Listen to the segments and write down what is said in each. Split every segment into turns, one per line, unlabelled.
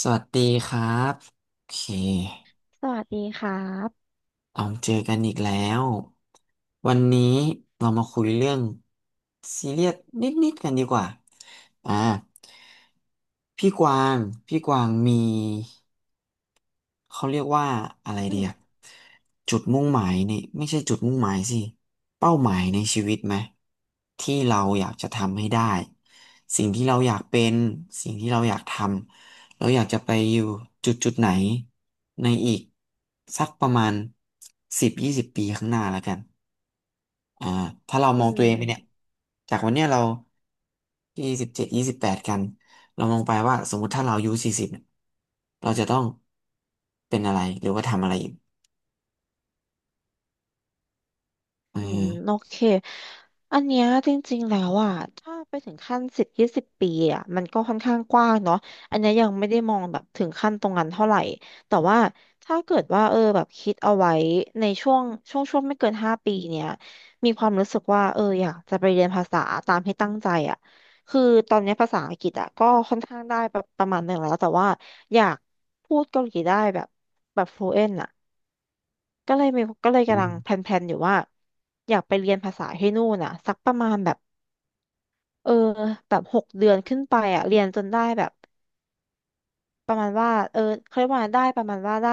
สวัสดีครับโอเค
สวัสดีครับ
เราเจอกันอีกแล้ววันนี้เรามาคุยเรื่องซีเรียสนิดๆกันดีกว่าอ่าพี่กวางพี่กวางมี เขาเรียกว่าอะไร
อื
เดีอะ
ม
จุดมุ่งหมายในไม่ใช่จุดมุ่งหมายสิเป้าหมายในชีวิตไหมที่เราอยากจะทำให้ได้สิ่งที่เราอยากเป็นสิ่งที่เราอยากทำเราอยากจะไปอยู่จุดจุดไหนในอีกสักประมาณ10-20 ปีข้างหน้าแล้วกัน อ่าถ้าเรา
อื
มองตัวเองไปเนี่ย
ม
จากวันเนี้ยเรา27-28กันเรามองไปว่าสมมติถ้าเราอายุ40เนี่ยเราจะต้องเป็นอะไรหรือว่าทำอะไรอีกออ
อืมโอเคอันเนี้ยจริงๆ แล้วอ่ะ ถ้าไปถึงขั้น10-20 ปีอ่ะมันก็ค่อนข้างกว้างเนาะอันเนี้ยยังไม่ได้มองแบบถึงขั้นตรงนั้นเท่าไหร่ แต่ว่าถ้าเกิดว่าเออแบบคิดเอาไว้ในช่วงไม่เกิน5 ปีเนี้ย มีความรู้สึกว่าเอออยากจะไปเรียนภาษาตามที่ตั้งใจอ่ะคือตอนเนี้ยภาษาอังกฤษอ่ะก็ค่อนข้างได้ประมาณหนึ่งแล้วแต่ว่าอยากพูดเกาหลีได้แบบ fluent อ่ะ ก็เลย
อื
กำลังแพ
ม
ลนๆอยู่ว่าอยากไปเรียนภาษาให้นู่นอ่ะสักประมาณเออแบบหกเดือนขึ้นไปอ่ะเรียนจนได้แบบประมาณว่าเออเขาเรียกว่าได้ประมาณว่าได้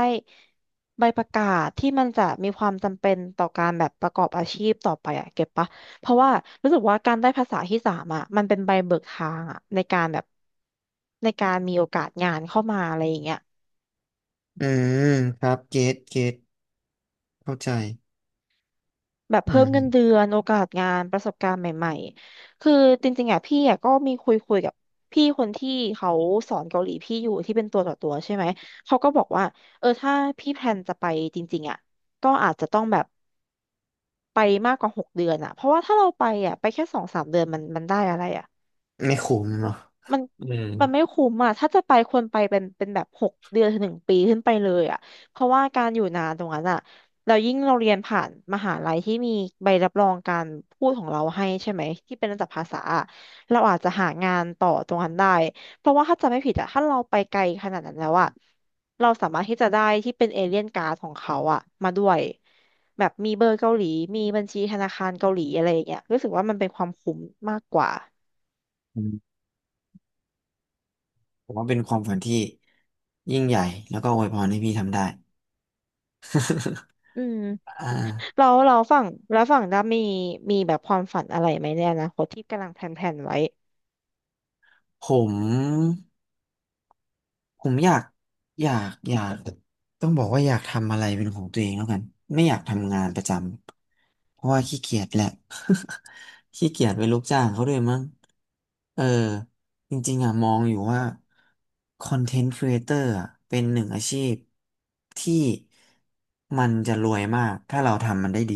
ใบประกาศที่มันจะมีความจำเป็นต่อการแบบประกอบอาชีพต่อไปอ่ะเก็บปะเพราะว่ารู้สึกว่าการได้ภาษาที่สามอ่ะมันเป็นใบเบิกทางอ่ะในการแบบในการมีโอกาสงานเข้ามาอะไรอย่างเงี้ย
อืมครับเกตเข้าใจ
แบบ
อื
เพิ่มเงินเดื
ม
อนโอกาสงานประสบการณ์ใหม่ๆ คือจริงๆอ่ะพี่อ่ะก็มีคุยกับพี่คนที่เขาสอนเกาหลีพี่อยู่ที่เป็นตัวต่อตัวใช่ไหม เขาก็บอกว่าเออถ้าพี่แพลนจะไปจริงๆอ่ะก็อาจจะต้องแบบไปมากกว่าหกเดือนอ่ะเพราะว่าถ้าเราไปอ่ะไปแค่2-3 เดือนมันได้อะไรอ่ะ
ไม่ขมเนาะ
มัน
อืม
มันไม่คุ้มอ่ะถ้าจะไปควรไปเป็นแบบ6 เดือน ถึง 1 ปีขึ้นไปเลยอ่ะเพราะว่าการอยู่นานตรงนั้นอ่ะเรายิ่งเราเรียนผ่านมหาลัยที่มีใบรับรองการพูดของเราให้ใช่ไหมที่เป็นระดับภาษาอะเราอาจจะหางานต่อตรงนั้นได้ เพราะว่าถ้าจำไม่ผิดอ่ะถ้าเราไปไกลขนาดนั้นแล้วอ่ะเราสามารถที่จะได้ที่เป็นเอเลียนการ์ดของเขาอ่ะมาด้วยแบบมีเบอร์เกาหลีมีบัญชีธนาคารเกาหลีอะไรอย่างเงี้ยรู้สึกว่ามันเป็นความคุ้มมากกว่า
อืมผมว่าเป็นความฝันที่ยิ่งใหญ่แล้วก็อวยพรให้พี่ทำได้
อืม
อ่า
เราฝั่งแล้วฝั่งด้ามีแบบความฝันอะไรไหมในอนาคตที่
ผม ผมอยากต้องบอกว่าอยากทำอะไรเป็นของตัวเองแล้วกันไม่อยากทำงานประจำเพราะว่าขี้เกียจแหละ ขี้เกียจเป็นลูกจ้างเขาด้วยมั้งเออจริงๆอ่ะมองอยู่ว่าคอนเทนต์ครีเอเตอร์อะเป็นหนึ่งอาชีพที่มันจะรวยมากถ้าเราทำมันได้ดี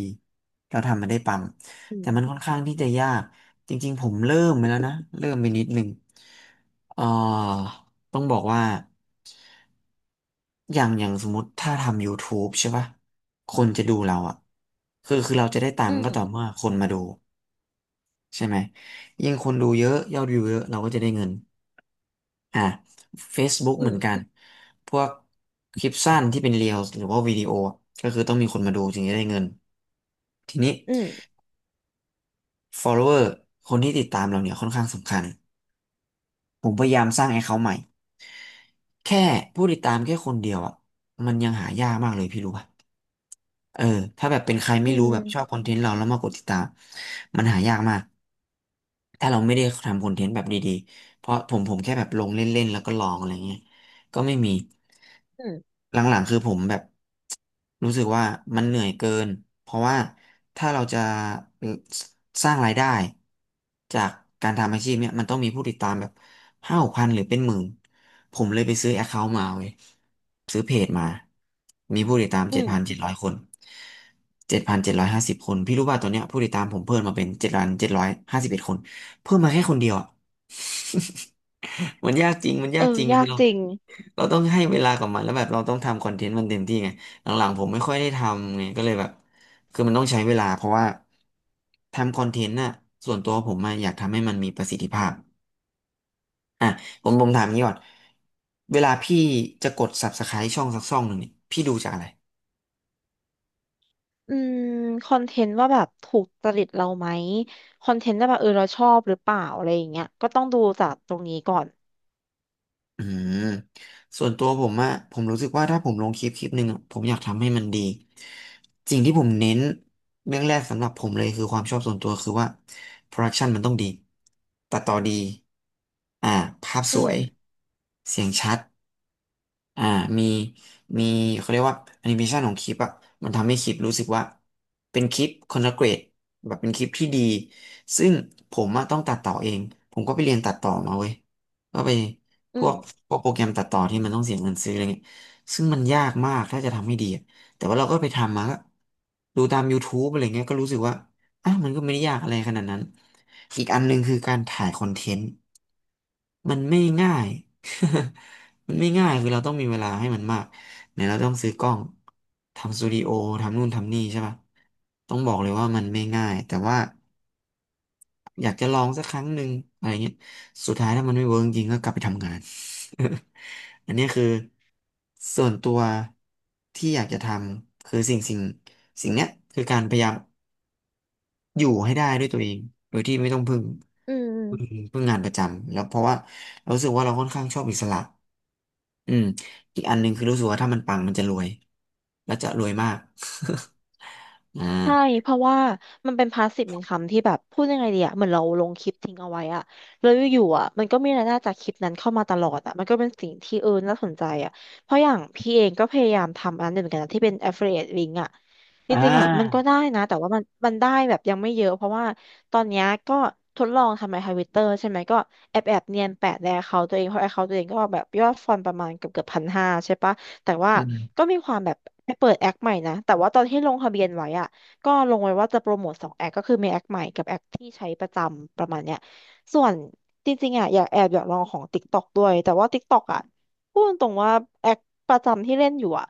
เราทำมันได้ปัง
อื
แต่
ม
มันค่อนข้างที่จะยากจริงๆผมเริ่มไปแล้วนะเริ่มไปนิดหนึ่งเอ่า ต้องบอกว่าอย่างอย่างสมมติถ้าทำ YouTube ใช่ป่ะคนจะดูเราอ่ะคือเราจะได้ตั
อื
งค์ก็
ม
ต่อเมื่อคนมาดูใช่ไหมยิ่งคนดูเยอะยอดวิวเยอะเราก็จะได้เงินอ่ะ Facebook
อื
เหมื
ม
อนกันพวกคลิปสั้นที่เป็นเรียลหรือว่าวิดีโออะก็คือต้องมีคนมาดูถึงจะได้เงินทีนี้
อืม
follower คนที่ติดตามเราเนี่ยค่อนข้างสำคัญผมพยายามสร้าง account ใหม่แค่ผู้ติดตามแค่คนเดียวอ่ะมันยังหายากมากเลยพี่รู้ป่ะ เออถ้าแบบเป็นใครไม่
อื
รู้แบบชอบ
ม
คอนเทนต์เราแล้วมากดติดตามมันหายากมากถ้าเราไม่ได้ทำคอนเทนต์แบบดีๆเพราะผมแค่แบบลงเล่นๆแล้วก็ลองอะไรเงี้ยก็ไม่มี
อืม
หลังๆคือผมแบบ รู้สึกว่ามันเหนื่อยเกิน เพราะว่าถ้าเราจะเอ่อสสร้างรายได้จากการทำอาชีพเนี่ยมันต้องมีผู้ติดตามแบบ5-6 พันหรือเป็นหมื่น ผมเลยไปซื้อแอคเคาท์มาเว้ยซื้อเพจมา มีผู้ติดตาม
อื
เจ็ดพัน
ม
เจ็ดร้อยคน7,750 คนพี่รู้ป่ะตอนเนี้ยผู้ติดตามผมเพิ่มมาเป็น7,751 คนเพิ่มมาแค่คนเดียวอะ มันยากจริงมัน
เอ
ยากจริง
อ
คื
ยา
อ
ก
เรา
จริง
เราต้องให้เวลากับมันแล้วแบบเราต้องทำคอนเทนต์มันเต็มที่ไงหลังๆผมไม่ค่อยได้ทำไงก็เลยแบบคือมันต้องใช้เวลาเพราะว่าทำคอนเทนต์น่ะส่วนตัวผมอะอยากทำให้มันมีประสิทธิภาพอ่ะผมถามงี้ก่อนเวลาพี่จะกด Subscribe ช่องสักช่องหนึ่งเนี่ยพี่ดูจากอะไร
อืมคอนเทนต์ว่าแบบถูกจริตเราไหมคอนเทนต์ว่าแบบเออเราชอบหรือเปล่าอะไรอย่างเงี้ยก็ต้องดูจากตรงนี้ก่อน
อืมส่วนตัวผมอะผมรู้สึกว่าถ้าผมลงคลิปคลิปหนึ่งอะผมอยากทำให้มันดีสิ่งที่ผมเน้นเรื่องแรกสำหรับผมเลยคือความชอบส่วนตัวคือว่าโปรดักชันมันต้องดีตัดต่อดีอ่าภาพส
อื
ว
ม
ยเสียงชัด อ่ามีมีเขาเรียกว่าแอนิเมชันของคลิปอ่ะมันทำให้คลิปรู้สึกว่าเป็นคลิปคอนละเกรดแบบเป็นคลิปที่ดีซึ่งผมอะต้องตัดต่อเองผมก็ไปเรียนตัดต่อมาเว้ยก็ไปพ
อื
ว
ม
กพวกโปรแกรมตัดต่อที่มันต้องเสียเงินซื้ออะไรเงี้ยซึ่งมันยากมากถ้าจะทำให้ดีอะแต่ว่าเราก็ไปทำมาก็ดูตาม YouTube อะไรเงี้ยก็รู้สึกว่าอ่ะมันก็ไม่ได้ยากอะไรขนาดนั้นอีกอันหนึ่งคือการถ่ายคอนเทนต์ มันไม่ง่าย มันไม่ง่ายคือเราต้องมีเวลาให้มันมากเนี่ยเราต้องซื้อกล้องทำสตูดิโอทำนู่นทำนี่ใช่ป่ะต้องบอกเลยว่ามันไม่ง่าย แต่ว่าอยากจะลองสักครั้งหนึ่งอะไรเงี้ยสุดท้ายถ้ามันไม่เวิร์กจริงก็กลับไปทำงาน อันเนี้ยคือส่วนตัวที่อยากจะทำคือสิ่งเนี้ยคือการพยายามอยู่ให้ได้ด้วยตัวเอง โดยที่ไม่ต้อง
อืม
พึ่งพึ่งงานประจำแล้วเพราะว่าเรารู้สึกว่าเราค่อนข้างชอบอิสระ อืมอีกอันหนึ่งคือรู้สึกว่าถ้ามันปังมันจะรวยแล้วจะรวยมาก อ่า
ใช่เพราะว่ามันเป็นพาสซีฟอินคัมที่แบบพูดยังไงดีอะเหมือนเราลงคลิปทิ้งเอาไว้อะแล้วอยู่ๆอะมันก็มีรายได้จากคลิปนั้นเข้ามาตลอดอะมันก็เป็นสิ่งที่เออน่าสนใจอะเพราะอย่างพี่เองก็พยายามทำอันหนึ่งเหมือนกันนะที่เป็น affiliate link อะจ
อ่
ริงๆอะมันก็
า
ได้นะแต่ว่ามันได้แบบยังไม่เยอะเพราะว่าตอนเนี้ยก็ทดลองทำในทวิตเตอร์ใช่ไหมก็แอบเนียนแปะใน account ตัวเองเพราะ account ตัวเองก็แบบยอดฟอลประมาณเกือบ1,500ใช่ปะแต่ว่า
อืม
ก็มีความแบบไปเปิดแอคใหม่นะแต่ว่าตอนที่ลงทะเบียนไว้อะ ก็ลงไว้ว่าจะโปรโมทสองแอคก็คือมีแอคใหม่กับแอคที่ใช้ประจำประมาณเนี้ยส่วนจริงๆอ่ะอยากแอบอยากลองของ TikTok ด้วยแต่ว่า TikTok อ่ะพูดตรงๆว่าแอคประจำที่เล่นอยู่อ่ะ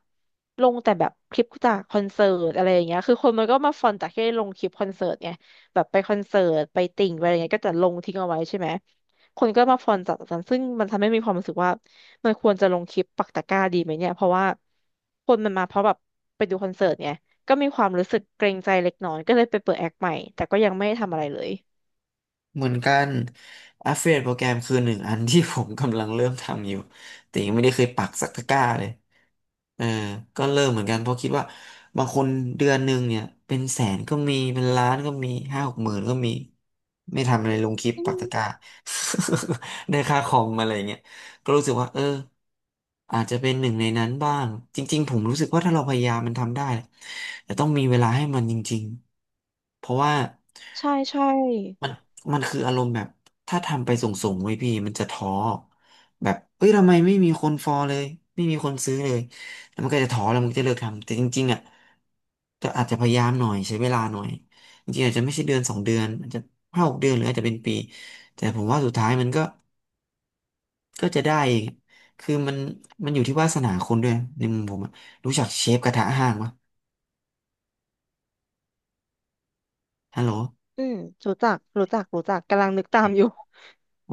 ลงแต่แบบคลิปจากคอนเสิร์ตอะไรอย่างเงี้ยคือคนมันก็มาฟอนจากที่ได้ลงคลิปคอนเสิร์ตไงแบบไปคอนเสิร์ตไปติ่งไปอะไรเงี้ยก็จะลงทิ้งเอาไว้ใช่ไหมคนก็มาฟอนจากนั้นซึ่งมันทำให้มีความรู้สึกว่ามันควรจะลงคลิปปักตะกร้าดีไหมเนี่ยเพราะว่าคนมันมาเพราะแบบไปดูคอนเสิร์ตไง ก็มีความรู้สึกเกรงใจเล็กน้อยก็เลยไปเปิดแอคใหม่แต่ก็ยังไม่ได้ทำอะไรเลย
เหมือนกัน Affiliate โปรแกรมคือหนึ่งอันที่ผมกำลังเริ่มทำอยู่แต่ยังไม่ได้เคยปักสักตะกร้าเลยเออก็เริ่มเหมือนกันเพราะคิดว่าบางคนเดือนหนึ่งเนี่ยเป็นแสนก็มีเป็นล้านก็มี50,000-60,000ก็มีไม่ทำอะไรลงคลิป
อื
ปัก
ม
ตะกร้า ได้ค่าคอมอะไรเงี้ยก็รู้สึกว่าเอออาจจะเป็นหนึ่งในนั้นบ้างจริงๆผมรู้สึกว่าถ้าเราพยายามมันทำได้แต่ต้องมีเวลาให้มันจริงๆเพราะว่า
ใช่ใช่
มันมันคืออารมณ์แบบถ้าทำไปส่งๆไว้พี่มันจะท้อแบบเอ้ยทำไมไม่มีคนฟอลเลยไม่มีคนซื้อเลยแล้วมันก็จะท้อแล้วมันก็จะเลิกทำแต่จริงๆอ่ะจะอาจจะพยายามหน่อยใช้เวลาหน่อยจริงๆอาจจะไม่ใช่เดือนสองเดือนอาจจะ5-6 เดือนหรืออาจจะเป็นปีแต่ผมว่าสุดท้ายมันก็จะได้เองคือมันอยู่ที่วาสนาคนด้วยในมุมผมอะรู้จักเชฟกระทะห้างปะฮัลโห
อืมรู้จักรู้จักรู้จักกำลังนึกตามอยู่
ล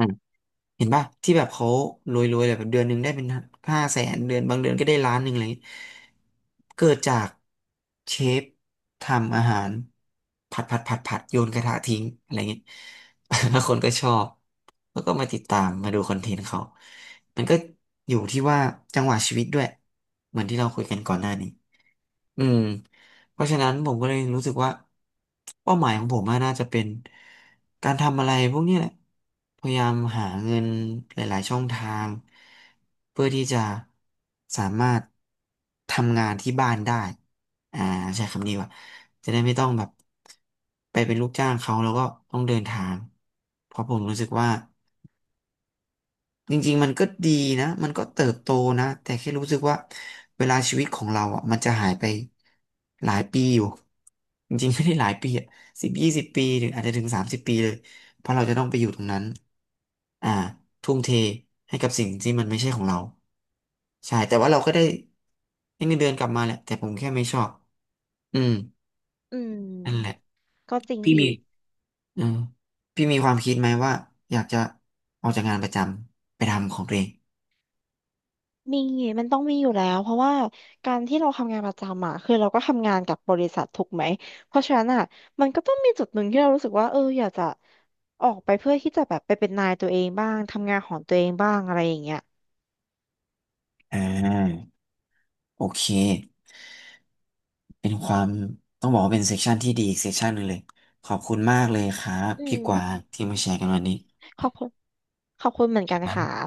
เห็นป่ะที่แบบเขารวยๆเลยแบบเดือนหนึ่งได้เป็น500,000เดือนบางเดือนก็ได้ล้านหนึ่งอะไรอย่างเลยเกิดจากเชฟทำอาหารผัดผัดผัดผัดโยนกระทะทิ้งอะไรเงี้ย แล้วคนก็ชอบแล้วก็มาติดตามมาดูคอนเทนต์เขา มันก็อยู่ที่ว่าจังหวะชีวิตด้วยเหมือนที่เราคุยกันก่อนหน้านี้ อืมเพราะฉะนั้นผมก็เลยรู้สึกว่าเป้าหมายของผมอะน่าจะเป็นการทำอะไรพวกนี้แหละพยายามหาเงินหลายๆช่องทางเพื่อที่จะสามารถทำงานที่บ้านได้อ่าใช้คำนี้ว่าจะได้ไม่ต้องแบบไปเป็นลูกจ้างเขาแล้วก็ต้องเดินทางเพราะผมรู้สึกว่า จริงๆมันก็ดีนะมันก็เติบโตนะแต่แค่รู้สึกว่าเวลาชีวิตของเราอ่ะมันจะหายไปหลายปีอยู่จริงๆไม่ได้หลายปีอ่ะ10-20 ปีหรืออาจจะถึง30 ปีเลยเพราะเราจะต้องไปอยู่ตรงนั้นอ่าทุ่มเทให้กับสิ่งที่มันไม่ใช่ของเราใช่แต่ว่าเราก็ได้ให้เงินเดือนกลับมาแหละแต่ผมแค่ไม่ชอบอืม
อื
นั่นแห
ม
ละ
ก็จริง
พี่มี
อีก
อืมพี่มีความคิดไหมว่าอยากจะออกจากงานประจำไปทำของตัวเอง
มีมันต้องมีอยู่แล้วเพราะว่าการที่เราทำงานประจำอ่ะคือเราก็ทำงานกับบริษัทถูกไหมเพราะฉะนั้นอ่ะมันก็ต้องมีจุดหนึ่งที่เรารู้สึกว่าเอออยากจะออกไปเพื่อที่จะแบบไปเป็นนายตัวเองบ้างทำงานของตัวเองบ้างอะไรอย่างเงี้ย
อ่า โอเค เป็นความต้องบอกว่าเป็นเซสชันที่ดีอีกเซสชันหนึ่งเลย ขอบคุณมากเลยครับ
อื
พี่
ม
กวางที่มาแชร์กันวันนี้
ขอบคุณขอบคุณเหมือนกั
ค
น
รั
ค่ะ
บ